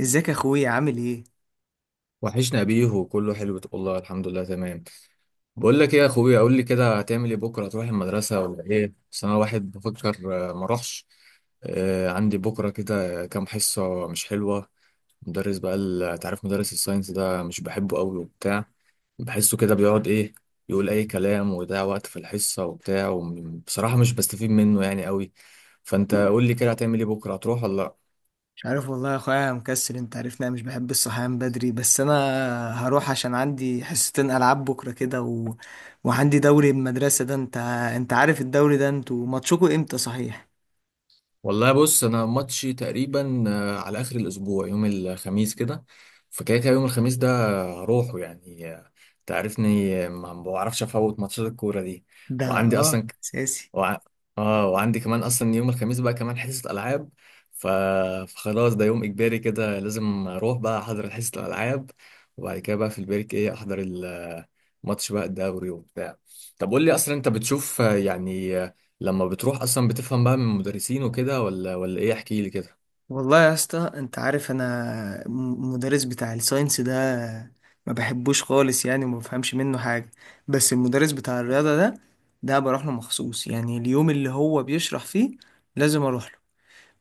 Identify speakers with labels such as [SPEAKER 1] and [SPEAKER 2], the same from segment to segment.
[SPEAKER 1] ازيك يا اخويا، عامل ايه؟
[SPEAKER 2] وحشنا بيه وكله حلو، والله الحمد لله تمام. بقول لك ايه يا اخويا، قول لي كده، هتعمل ايه بكره؟ هتروح المدرسه ولا ايه؟ بس انا واحد بفكر. آه، ما اروحش. آه، عندي بكره كده كام حصه مش حلوه. مدرس بقى تعرف مدرس الساينس ده، مش بحبه قوي وبتاع. بحسه كده بيقعد ايه، يقول اي كلام ويضيع وقت في الحصه وبتاع. وبصراحه مش بستفيد منه يعني قوي. فانت قول لي كده، هتعمل ايه بكره؟ هتروح ولا لا؟
[SPEAKER 1] مش عارف والله يا اخويا، أنا مكسل، انت عارفني انا مش بحب الصحيان بدري، بس انا هروح عشان عندي حصتين العاب بكره كده وعندي دوري المدرسه ده. انت عارف الدوري ده، انتوا ماتشكوا امتى صحيح؟
[SPEAKER 2] والله بص، انا ماتشي تقريبا على اخر الاسبوع، يوم الخميس كده. فكده كده يوم الخميس ده هروحه يعني. تعرفني، ما بعرفش افوت ماتشات الكوره دي.
[SPEAKER 1] ده
[SPEAKER 2] وعندي اصلا
[SPEAKER 1] اساسي.
[SPEAKER 2] وع... اه وعندي كمان اصلا يوم الخميس بقى كمان حصة العاب. ف... فخلاص، ده يوم اجباري كده، لازم اروح بقى احضر حصة الالعاب. وبعد كده بقى في البريك ايه، احضر الماتش بقى، الدوري وبتاع. طب قول لي، اصلا انت بتشوف، يعني، لما بتروح اصلا بتفهم بقى من المدرسين وكده ولا ايه؟ احكي لي كده.
[SPEAKER 1] والله يا اسطى، انت عارف انا مدرس بتاع الساينس ده ما بحبوش خالص يعني، وما بفهمش منه حاجه. بس المدرس بتاع الرياضه ده بروح له مخصوص يعني اليوم اللي هو بيشرح فيه لازم اروح له.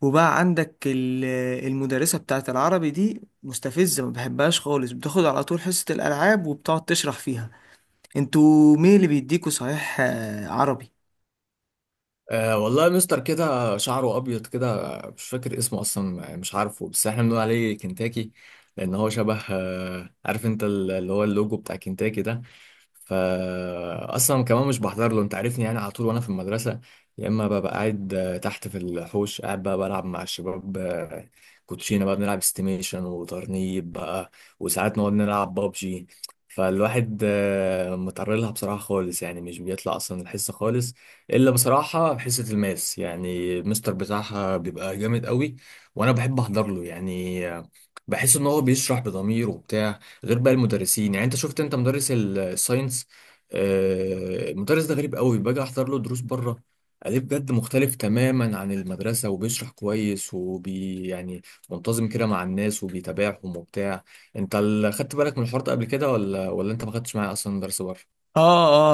[SPEAKER 1] وبقى عندك المدرسة بتاعت العربي دي مستفزة، ما بحبهاش خالص، بتاخد على طول حصة الألعاب وبتقعد تشرح فيها. انتوا مين اللي بيديكوا صحيح عربي؟
[SPEAKER 2] أه، والله مستر كده شعره ابيض كده، مش فاكر اسمه اصلا، مش عارفه، بس احنا بنقول عليه كنتاكي. لان هو شبه، عارف انت، اللي هو اللوجو بتاع كنتاكي ده. فاصلا كمان مش بحضر له، انت عارفني يعني، على طول وانا في المدرسه يا اما ببقى قاعد تحت في الحوش، قاعد بقى بلعب مع الشباب. كوتشينه بقى بنلعب استيميشن وترنيب بقى، وساعات نقعد نلعب بابجي. فالواحد متعرض لها بصراحه خالص يعني، مش بيطلع اصلا الحصه خالص، الا بصراحه حصه الماس. يعني المستر بتاعها بيبقى جامد قوي، وانا بحب احضر له يعني. بحس ان هو بيشرح بضمير وبتاع. غير بقى المدرسين يعني، انت شفت انت مدرس الساينس. المدرس ده غريب قوي. باجي احضر له دروس بره عليه، بجد مختلف تماما عن المدرسة، وبيشرح كويس وبي يعني، منتظم كده مع الناس وبيتابعهم وبتاع. انت خدت بالك من الحوار ده قبل كده، ولا انت ما خدتش معايا اصلا درس بره؟
[SPEAKER 1] اه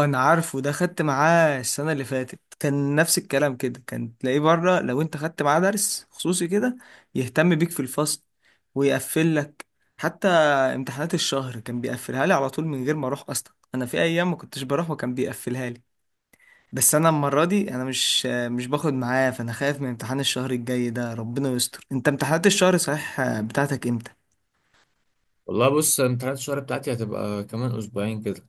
[SPEAKER 1] اه، انا عارفه ده، خدت معاه السنة اللي فاتت، كان نفس الكلام كده، كان تلاقيه بره لو انت خدت معاه درس خصوصي كده يهتم بيك في الفصل ويقفل لك. حتى امتحانات الشهر كان بيقفلها لي على طول من غير ما اروح، اصلا انا في ايام ما كنتش بروح وكان بيقفلها لي. بس انا المره دي انا مش باخد معاه، فانا خايف من امتحان الشهر الجاي ده، ربنا يستر. انت امتحانات الشهر صحيح بتاعتك امتى؟
[SPEAKER 2] والله بص، امتحانات الشهر بتاعتي هتبقى كمان اسبوعين كده.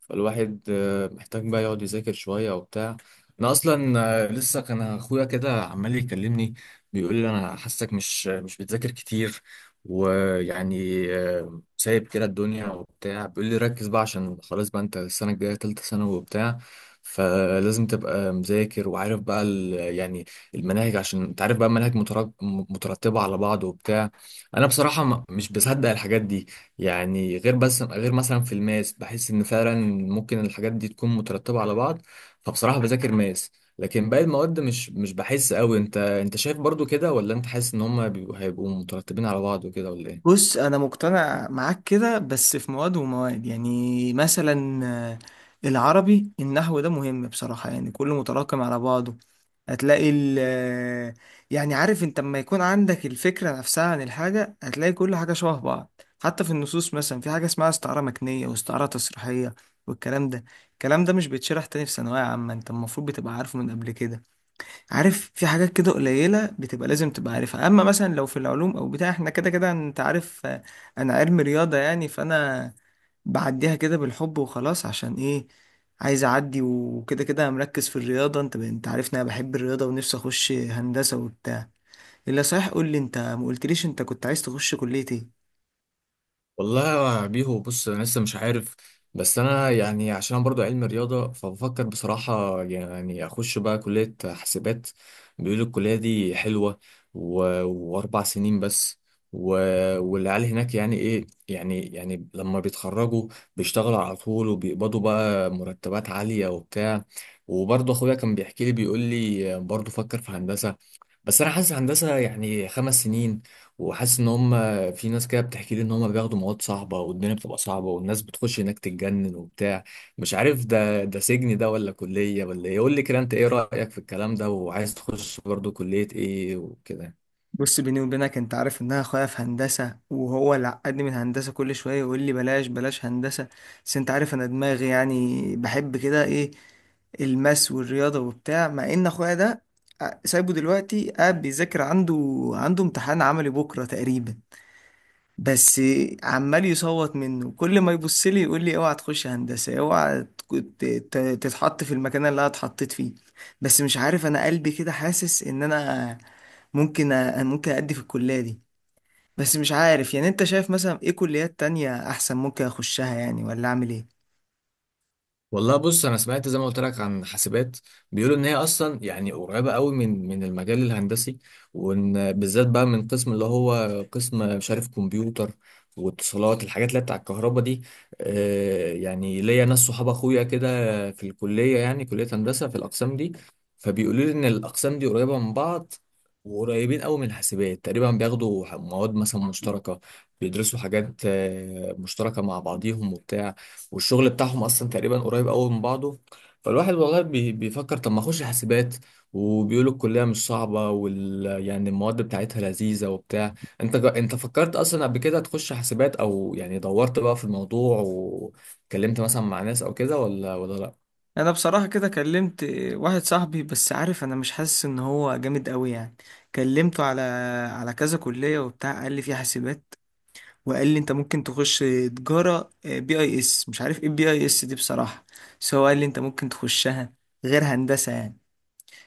[SPEAKER 2] فالواحد محتاج بقى يقعد يذاكر شوية وبتاع. أنا أصلا، لسه كان أخويا كده عمال يكلمني. بيقول لي أنا حاسك مش بتذاكر كتير، ويعني سايب كده الدنيا وبتاع. بيقول لي ركز بقى، عشان خلاص بقى أنت السنة الجاية تالتة ثانوي وبتاع. فلازم تبقى مذاكر وعارف بقى يعني المناهج، عشان انت عارف بقى المناهج مترتبة على بعض وبتاع. انا بصراحة مش بصدق الحاجات دي، يعني غير بس غير مثلا في الماس، بحس ان فعلا ممكن الحاجات دي تكون مترتبة على بعض. فبصراحة بذاكر ماس، لكن باقي المواد مش بحس قوي. انت شايف برضو كده، ولا انت حاسس ان هم هيبقوا مترتبين على بعض وكده ولا ايه؟
[SPEAKER 1] بص انا مقتنع معاك كده، بس في مواد ومواد، يعني مثلا العربي النحو ده مهم بصراحه، يعني كله متراكم على بعضه. هتلاقي يعني عارف انت لما يكون عندك الفكرة نفسها عن الحاجة هتلاقي كل حاجة شبه بعض. حتى في النصوص مثلا في حاجة اسمها استعارة مكنية واستعارة تصريحية، والكلام ده الكلام ده مش بيتشرح تاني في ثانوية عامة، انت المفروض بتبقى عارفه من قبل كده. عارف، في حاجات كده قليلة بتبقى لازم تبقى عارفها، اما مثلا لو في العلوم او بتاع احنا كده كده انت عارف، انا علم رياضة يعني، فانا بعديها كده بالحب وخلاص. عشان ايه؟ عايز اعدي، وكده كده مركز في الرياضة. انت عارفني انا بحب الرياضة ونفسي اخش هندسة وبتاع. الا صحيح قول لي، انت ما قلتليش انت كنت عايز تخش كلية ايه؟
[SPEAKER 2] والله يا بيهو بص، انا لسه مش عارف. بس انا يعني عشان انا برضو علم رياضه، فبفكر بصراحه يعني اخش بقى كليه حاسبات. بيقولوا الكليه دي حلوه، و... و4 سنين بس و... والعيال هناك يعني ايه، يعني لما بيتخرجوا بيشتغلوا على طول، وبيقبضوا بقى مرتبات عاليه وبتاع. وبرضه اخويا كان بيحكي لي، بيقول لي برضه فكر في هندسه. بس انا حاسس هندسه يعني 5 سنين، وحاسس ان هم، في ناس كده بتحكي لي ان هم بياخدوا مواد صعبه، والدنيا بتبقى صعبه، والناس بتخش هناك تتجنن وبتاع. مش عارف، ده سجن ده، ولا كليه، ولا ايه؟ قول لي كده، انت ايه رايك في الكلام ده؟ وعايز تخش برضو كليه ايه وكده؟
[SPEAKER 1] بص بيني وبينك، انت عارف ان انا اخويا في هندسة، وهو اللي عقدني من هندسة، كل شوية يقول لي بلاش بلاش هندسة. بس انت عارف انا دماغي يعني بحب كده ايه، الماس والرياضة وبتاع. مع ان اخويا ده سايبه دلوقتي قاعد بيذاكر، عنده عنده امتحان عملي بكرة تقريبا، بس عمال يصوت منه، كل ما يبص لي يقول لي اوعى تخش هندسة، اوعى تتحط في المكان اللي انا اتحطيت فيه. بس مش عارف، انا قلبي كده حاسس ان انا ممكن ممكن ادي في الكلية دي. بس مش عارف يعني، انت شايف مثلا ايه كليات تانية احسن ممكن اخشها يعني، ولا اعمل ايه؟
[SPEAKER 2] والله بص، انا سمعت زي ما قلت لك عن حاسبات. بيقولوا ان هي اصلا يعني قريبه قوي من المجال الهندسي. وان بالذات بقى من قسم اللي هو قسم، مش عارف، كمبيوتر واتصالات، الحاجات اللي هي بتاع الكهرباء دي. يعني ليا ناس صحاب اخويا كده في الكليه، يعني كليه هندسه، في الاقسام دي. فبيقولوا لي ان الاقسام دي قريبه من بعض، وقريبين قوي من الحاسبات. تقريبا بياخدوا مواد مثلا مشتركه، بيدرسوا حاجات مشتركه مع بعضيهم وبتاع. والشغل بتاعهم اصلا تقريبا قريب قوي من بعضه. فالواحد والله بيفكر طب ما اخش حاسبات، وبيقولوا الكليه مش صعبه يعني المواد بتاعتها لذيذه وبتاع. انت فكرت اصلا قبل كده تخش حاسبات؟ او يعني دورت بقى في الموضوع وكلمت مثلا مع ناس او كده، ولا
[SPEAKER 1] انا بصراحة كده كلمت واحد صاحبي، بس عارف انا مش حاسس ان هو جامد قوي يعني. كلمته على كذا كلية وبتاع، قال لي في حاسبات، وقال لي انت ممكن تخش تجارة بي اي اس، مش عارف ايه بي اي اس دي بصراحة، بس هو قال لي انت ممكن تخشها غير هندسة يعني.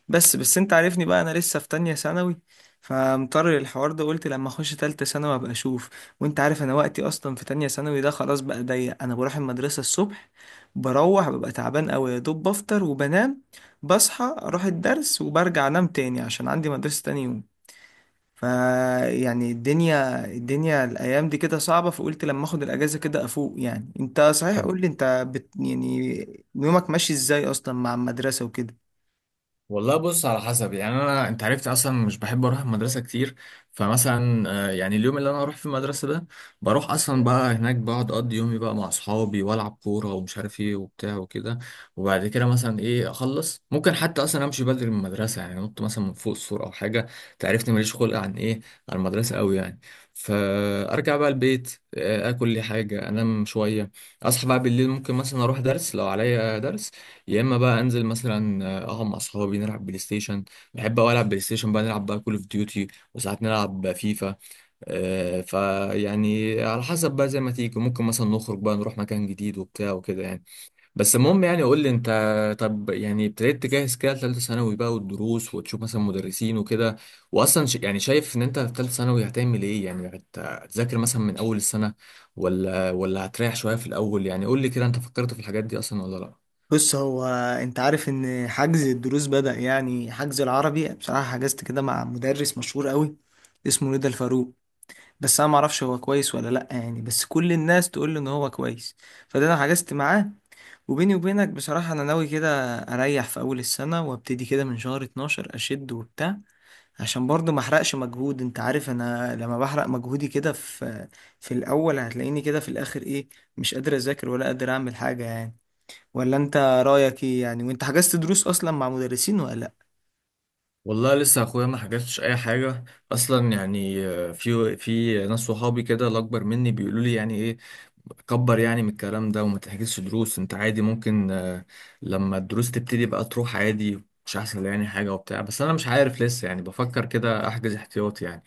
[SPEAKER 1] بس انت عارفني بقى انا لسه في تانية ثانوي، فمضطر للحوار ده، قلت لما اخش تالتة ثانوي ابقى اشوف. وانت عارف انا وقتي اصلا في تانية ثانوي ده خلاص بقى ضيق، انا بروح المدرسة الصبح، بروح ببقى تعبان قوي، يا دوب بفطر وبنام، بصحى اروح الدرس وبرجع انام تاني عشان عندي مدرسة تاني يوم. فيعني الدنيا الايام دي كده صعبه، فقلت لما اخد الاجازه كده افوق يعني. انت صحيح
[SPEAKER 2] لا،
[SPEAKER 1] قول لي، انت بت يعني يومك ماشي ازاي اصلا مع المدرسه وكده؟
[SPEAKER 2] والله بص، على حسب. يعني انا، انت عرفت اصلا مش بحب اروح المدرسه كتير. فمثلا يعني اليوم اللي انا اروح في المدرسه ده، بروح اصلا بقى هناك، بقعد اقضي يومي بقى مع اصحابي، والعب كوره ومش عارف ايه وبتاع وكده. وبعد كده مثلا ايه اخلص، ممكن حتى اصلا امشي بدري من المدرسه، يعني انط مثلا من فوق السور او حاجه. تعرفني، ماليش خلق عن المدرسه قوي يعني. فارجع بقى البيت، اكل لي حاجه، انام شويه. اصحى بقى بالليل، ممكن مثلا اروح درس لو عليا درس، يا اما بقى انزل مثلا اقعد مع اصحابي نلعب بلاي ستيشن. بحب اوي العب بلاي ستيشن، بقى نلعب بقى كول اوف ديوتي، وساعات نلعب فيفا. فيعني على حسب بقى زي ما تيجي، ممكن مثلا نخرج بقى نروح مكان جديد وبتاع وكده يعني. بس المهم يعني، قول لي انت، طب يعني ابتديت تجهز كده لثالثه ثانوي بقى، والدروس، وتشوف مثلا مدرسين وكده؟ واصلا يعني شايف ان انت في ثالثه ثانوي هتعمل ايه؟ يعني هتذاكر مثلا من اول السنه، ولا هتريح شويه في الاول؟ يعني قول لي كده، انت فكرت في الحاجات دي اصلا ولا لا؟
[SPEAKER 1] بص هو، انت عارف ان حجز الدروس بدأ، يعني حجز العربي بصراحه حجزت كده مع مدرس مشهور قوي اسمه ندى الفاروق، بس انا ما اعرفش هو كويس ولا لا يعني، بس كل الناس تقول لي ان هو كويس، فده انا حجزت معاه. وبيني وبينك بصراحه انا ناوي كده اريح في اول السنه، وابتدي كده من شهر 12 اشد وبتاع عشان برضو ما احرقش مجهود. انت عارف انا لما بحرق مجهودي كده في الاول، هتلاقيني كده في الاخر ايه، مش قادر اذاكر ولا قادر اعمل حاجة يعني. ولا انت رايك ايه يعني، وانت حجزت دروس اصلا مع مدرسين ولا لا؟
[SPEAKER 2] والله لسه اخويا ما حكتش اي حاجه. اصلا يعني، في ناس صحابي كده الاكبر مني، بيقولوا لي يعني ايه، كبر يعني من الكلام ده، وما تحكيش دروس، انت عادي، ممكن. لما الدروس تبتدي بقى تروح عادي، مش هيحصل يعني حاجه وبتاع. بس انا مش عارف، لسه يعني بفكر كده احجز احتياطي يعني.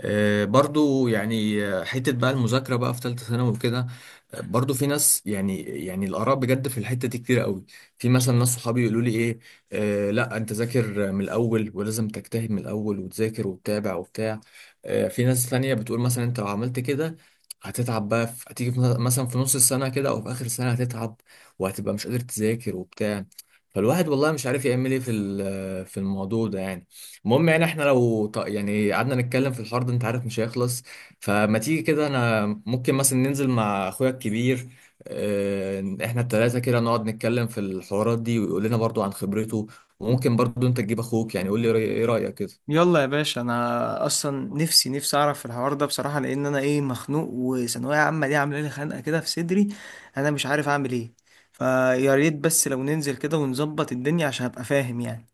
[SPEAKER 2] برضو يعني، حتة بقى المذاكرة بقى في ثالثة ثانوي وكده. برضو في ناس، يعني الآراء بجد في الحتة دي كتير قوي. في مثلا ناس صحابي يقولوا لي إيه: آه لا، أنت ذاكر من الأول، ولازم تجتهد من الأول وتذاكر وتتابع وبتاع. في ناس ثانية بتقول مثلا أنت لو عملت كده هتتعب بقى، هتيجي مثلا في نص السنة كده، أو في آخر السنة هتتعب، وهتبقى مش قادر تذاكر وبتاع. فالواحد والله مش عارف يعمل إيه في ال- آه، في الموضوع ده يعني. المهم يعني احنا، لو يعني قعدنا نتكلم في الحوار ده، انت عارف مش هيخلص. فما تيجي كده، انا ممكن مثلا ننزل مع اخويا الكبير. اه، احنا التلاتة كده نقعد نتكلم في الحوارات دي، ويقول لنا برضو عن خبرته. وممكن برضو انت تجيب اخوك. يعني قول لي ايه رأيك كده؟
[SPEAKER 1] يلا يا باشا، انا اصلا نفسي اعرف الحوار ده بصراحة، لان انا ايه مخنوق، وثانوية عامة دي عاملة لي خنقة كده في صدري، انا مش عارف اعمل ايه. فيا ريت بس لو ننزل كده ونظبط الدنيا عشان ابقى فاهم يعني.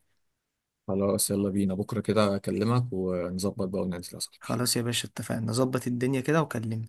[SPEAKER 2] خلاص، يلا بينا بكرة كده اكلمك ونظبط بقى وننزل يا صاحبي.
[SPEAKER 1] خلاص يا باشا، اتفقنا نظبط الدنيا كده وكلمني.